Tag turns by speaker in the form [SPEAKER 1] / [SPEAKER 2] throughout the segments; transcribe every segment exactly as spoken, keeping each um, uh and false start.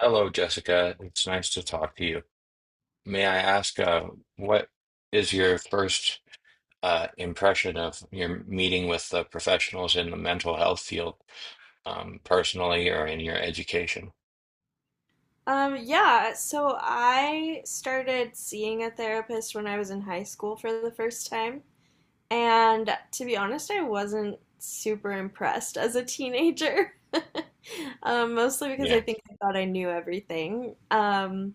[SPEAKER 1] Hello, Jessica. It's nice to talk to you. May I ask, uh, what is your first uh, impression of your meeting with the professionals in the mental health field, um, personally or in your education?
[SPEAKER 2] Um, yeah, so I started seeing a therapist when I was in high school for the first time. And to be honest, I wasn't super impressed as a teenager. Um, mostly because I
[SPEAKER 1] Yeah,
[SPEAKER 2] think I thought I knew everything. Um,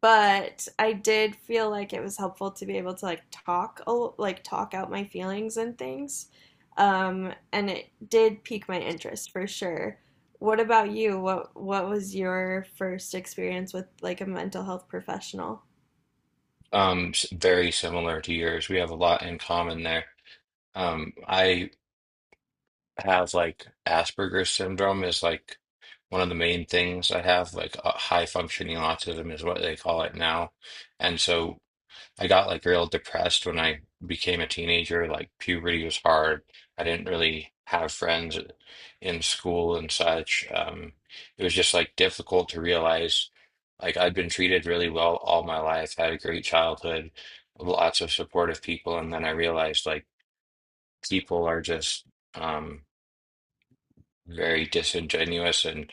[SPEAKER 2] but I did feel like it was helpful to be able to like talk like talk out my feelings and things. Um, and it did pique my interest for sure. What about you? What what was your first experience with like a mental health professional?
[SPEAKER 1] um, s- very similar to yours. We have a lot in common there. Um, I have like Asperger's syndrome is like one of the main things I have. Like uh, high functioning autism is what they call it now, and so. I got like real depressed when I became a teenager. Like puberty was hard. I didn't really have friends uh, in school and such. Um, it was just like difficult to realize like I'd been treated really well all my life. Had a great childhood, lots of supportive people, and then I realized like people are just um very disingenuous and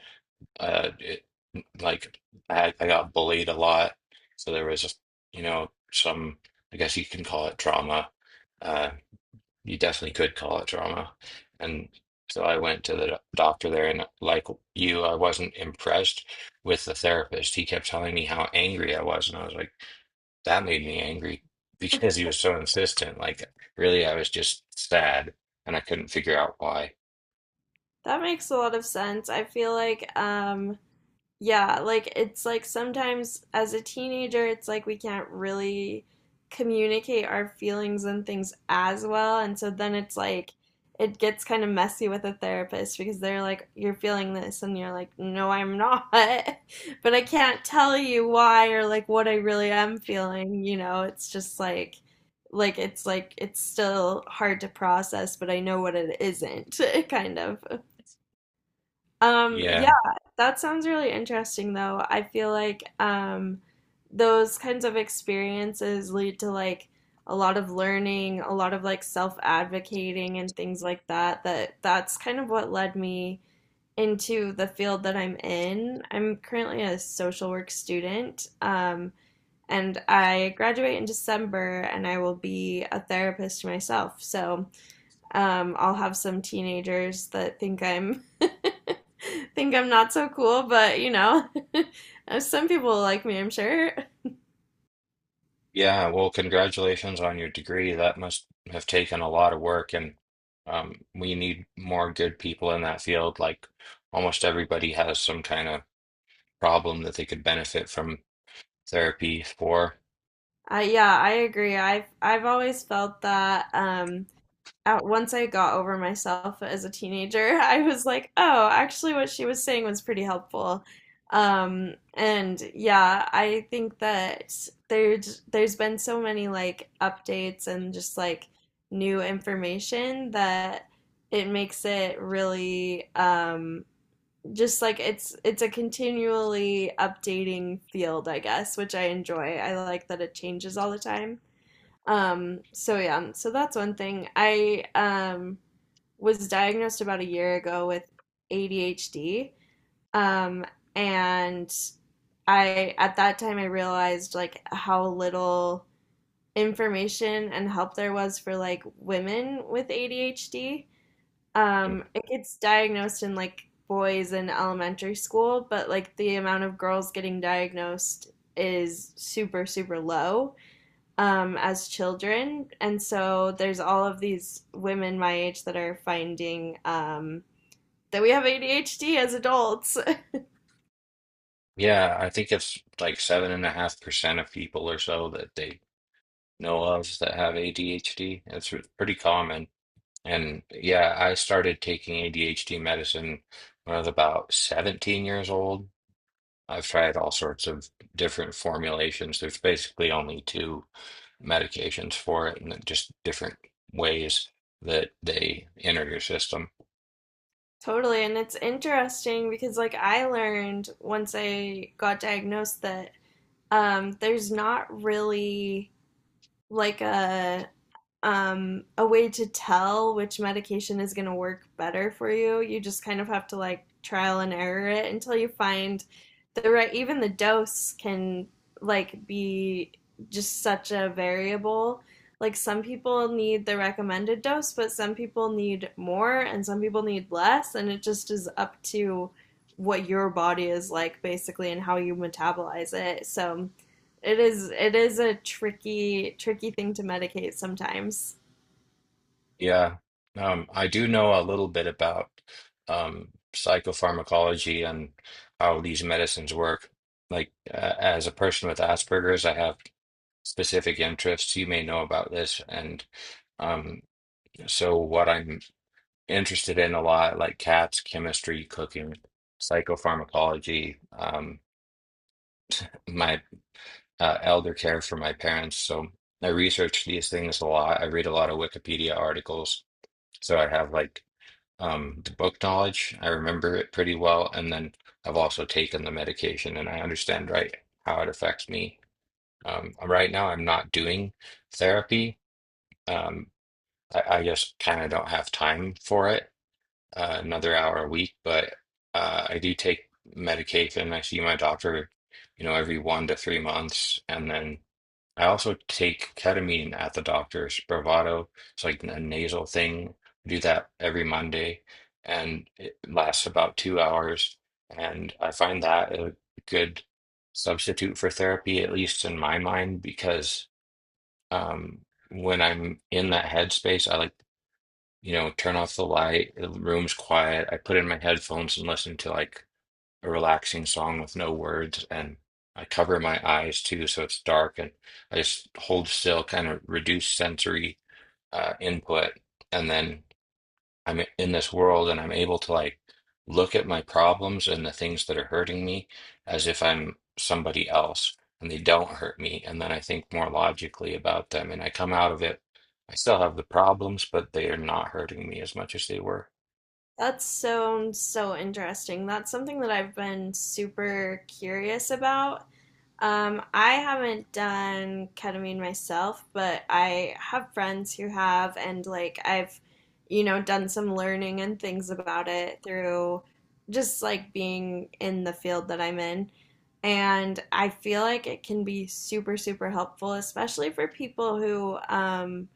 [SPEAKER 1] uh it like I, I got bullied a lot, so there was, you know, some, I guess you can call it trauma, uh you definitely could call it trauma. And so I went to the doc- doctor there, and like you I wasn't impressed with the therapist. He kept telling me how angry I was, and I was like, that made me angry because he was so insistent. Like really I was just sad and I couldn't figure out why.
[SPEAKER 2] That makes a lot of sense. I feel like um yeah, like it's like sometimes as a teenager, it's like we can't really communicate our feelings and things as well. And so then it's like it gets kind of messy with a therapist because they're like, you're feeling this, and you're like, no, I'm not. But I can't tell you why or like what I really am feeling, you know? It's just like, like it's like it's still hard to process, but I know what it isn't, kind of. Um, yeah,
[SPEAKER 1] Yeah.
[SPEAKER 2] that sounds really interesting though. I feel like um those kinds of experiences lead to like a lot of learning, a lot of like self-advocating and things like that that that's kind of what led me into the field that I'm in. I'm currently a social work student. Um and I graduate in December and I will be a therapist myself. So um, I'll have some teenagers that think I'm think I'm not so cool, but you know, some people like me, I'm sure.
[SPEAKER 1] Yeah, well, congratulations on your degree. That must have taken a lot of work, and um, we need more good people in that field. Like almost everybody has some kind of problem that they could benefit from therapy for.
[SPEAKER 2] Uh, yeah, I agree. I've I've always felt that um, at once I got over myself as a teenager, I was like, oh, actually, what she was saying was pretty helpful. Um, and yeah, I think that there's there's been so many like updates and just like new information that it makes it really um, just like it's it's a continually updating field, I guess, which I enjoy. I like that it changes all the time. Um, so yeah, so that's one thing. I um was diagnosed about a year ago with A D H D. Um, and I at that time I realized like how little information and help there was for like women with A D H D.
[SPEAKER 1] Mm.
[SPEAKER 2] Um, it gets diagnosed in like boys in elementary school, but like the amount of girls getting diagnosed is super, super low um, as children. And so there's all of these women my age that are finding um, that we have A D H D as adults.
[SPEAKER 1] Yeah, I think it's like seven and a half percent of people or so that they know of that have A D H D. It's r- pretty common. And yeah, I started taking A D H D medicine when I was about seventeen years old. I've tried all sorts of different formulations. There's basically only two medications for it, and just different ways that they enter your system.
[SPEAKER 2] Totally. And it's interesting because, like, I learned once I got diagnosed that um, there's not really like a um, a way to tell which medication is going to work better for you. You just kind of have to like trial and error it until you find the right, even the dose can like be just such a variable. Like some people need the recommended dose, but some people need more and some people need less. And it just is up to what your body is like basically and how you metabolize it. So it is it is a tricky tricky thing to medicate sometimes.
[SPEAKER 1] Yeah. Um, I do know a little bit about um, psychopharmacology and how these medicines work. Like, uh, as a person with Asperger's, I have specific interests. You may know about this. And um, so, what I'm interested in a lot, like cats, chemistry, cooking, psychopharmacology. Um, my uh, elder care for my parents, so I research these things a lot. I read a lot of Wikipedia articles, so I have like um, the book knowledge. I remember it pretty well, and then I've also taken the medication, and I understand right how it affects me. Um, right now, I'm not doing therapy. Um, I, I just kind of don't have time for it, uh, another hour a week, but uh, I do take medication. I see my doctor, you know, every one to three months, and then I also take ketamine at the doctor's. Spravato, it's like a nasal thing. I do that every Monday, and it lasts about two hours. And I find that a good substitute for therapy, at least in my mind, because um, when I'm in that headspace, I like, you know, turn off the light, the room's quiet. I put in my headphones and listen to like a relaxing song with no words, and I cover my eyes too, so it's dark, and I just hold still, kind of reduce sensory uh, input, and then. I'm in this world and I'm able to like look at my problems and the things that are hurting me as if I'm somebody else and they don't hurt me. And then I think more logically about them and I come out of it. I still have the problems, but they are not hurting me as much as they were.
[SPEAKER 2] That sounds so interesting. That's something that I've been super curious about. Um, I haven't done ketamine myself, but I have friends who have, and like I've, you know, done some learning and things about it through just like being in the field that I'm in. And I feel like it can be super, super helpful, especially for people who, um,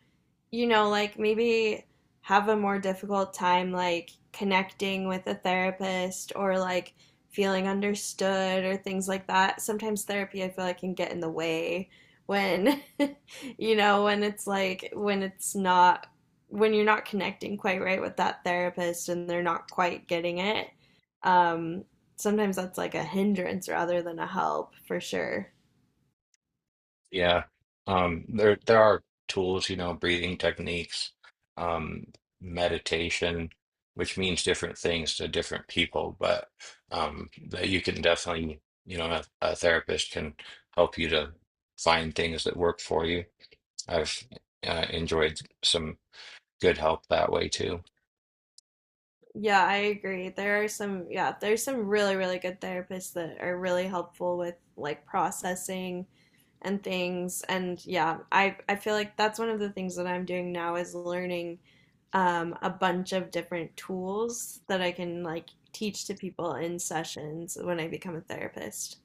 [SPEAKER 2] you know, like maybe have a more difficult time like connecting with a therapist or like feeling understood or things like that. Sometimes therapy, I feel like, can get in the way when, you know, when it's like, when it's not, when you're not connecting quite right with that therapist and they're not quite getting it. Um, sometimes that's like a hindrance rather than a help for sure.
[SPEAKER 1] Yeah. Um, there there are tools, you know, breathing techniques, um, meditation, which means different things to different people, but um, that you can definitely, you know, a, a therapist can help you to find things that work for you. I've uh, enjoyed some good help that way too.
[SPEAKER 2] Yeah, I agree. There are some, yeah, there's some really, really good therapists that are really helpful with like processing and things. And yeah, I I feel like that's one of the things that I'm doing now is learning um, a bunch of different tools that I can like teach to people in sessions when I become a therapist.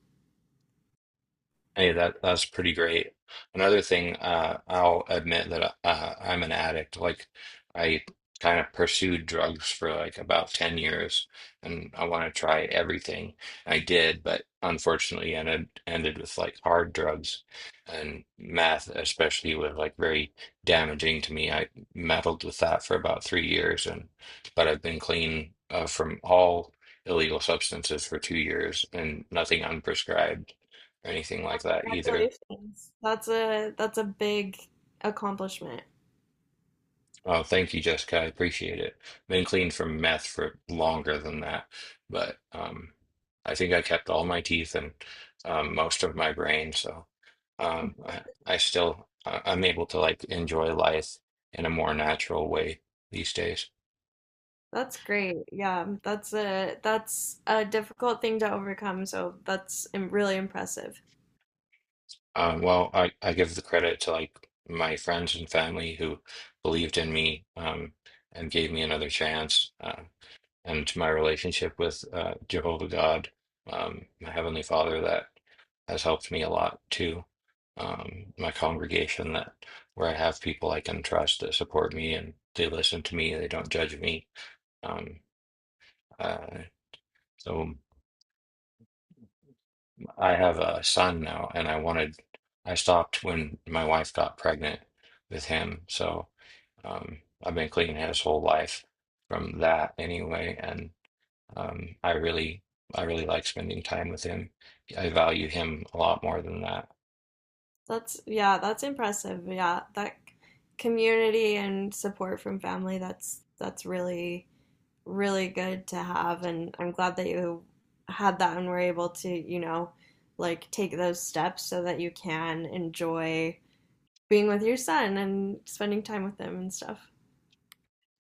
[SPEAKER 1] Hey, that that's pretty great. Another thing, uh, I'll admit that uh, I'm an addict. Like, I kind of pursued drugs for like about ten years, and I want to try everything. I did, but unfortunately, ended ended with like hard drugs, and meth especially was like very damaging to me. I meddled with that for about three years, and but I've been clean uh, from all illegal substances for two years and nothing unprescribed or anything like that either.
[SPEAKER 2] Congratulations. That's a that's a big accomplishment.
[SPEAKER 1] Oh, thank you, Jessica. I appreciate it. Been clean from meth for longer than that, but um, I think I kept all my teeth and um, most of my brain, so um, I, I still I- I'm able to like enjoy life in a more natural way these days.
[SPEAKER 2] That's great. Yeah, um, that's a that's a difficult thing to overcome, so that's im- really impressive.
[SPEAKER 1] Um, well, I, I give the credit to like my friends and family who believed in me, um, and gave me another chance. Uh, um, to my relationship with uh, Jehovah God, um, my Heavenly Father, that has helped me a lot too. Um, my congregation that where I have people I can trust that support me and they listen to me, they don't judge me. Um, uh, so I have a son now, and I wanted, I stopped when my wife got pregnant with him, so um, I've been clean his whole life from that anyway, and. Um, I really, I really like spending time with him. I value him a lot more than that.
[SPEAKER 2] That's yeah, that's impressive. Yeah, that c- community and support from family, that's that's really really good to have and I'm glad that you had that and were able to, you know, like take those steps so that you can enjoy being with your son and spending time with him and stuff.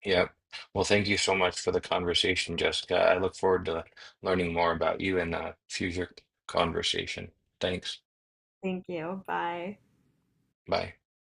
[SPEAKER 1] Yep. Well, thank you so much for the conversation, Jessica. I look forward to learning more about you in a future conversation. Thanks.
[SPEAKER 2] Thank you. Bye.
[SPEAKER 1] Bye.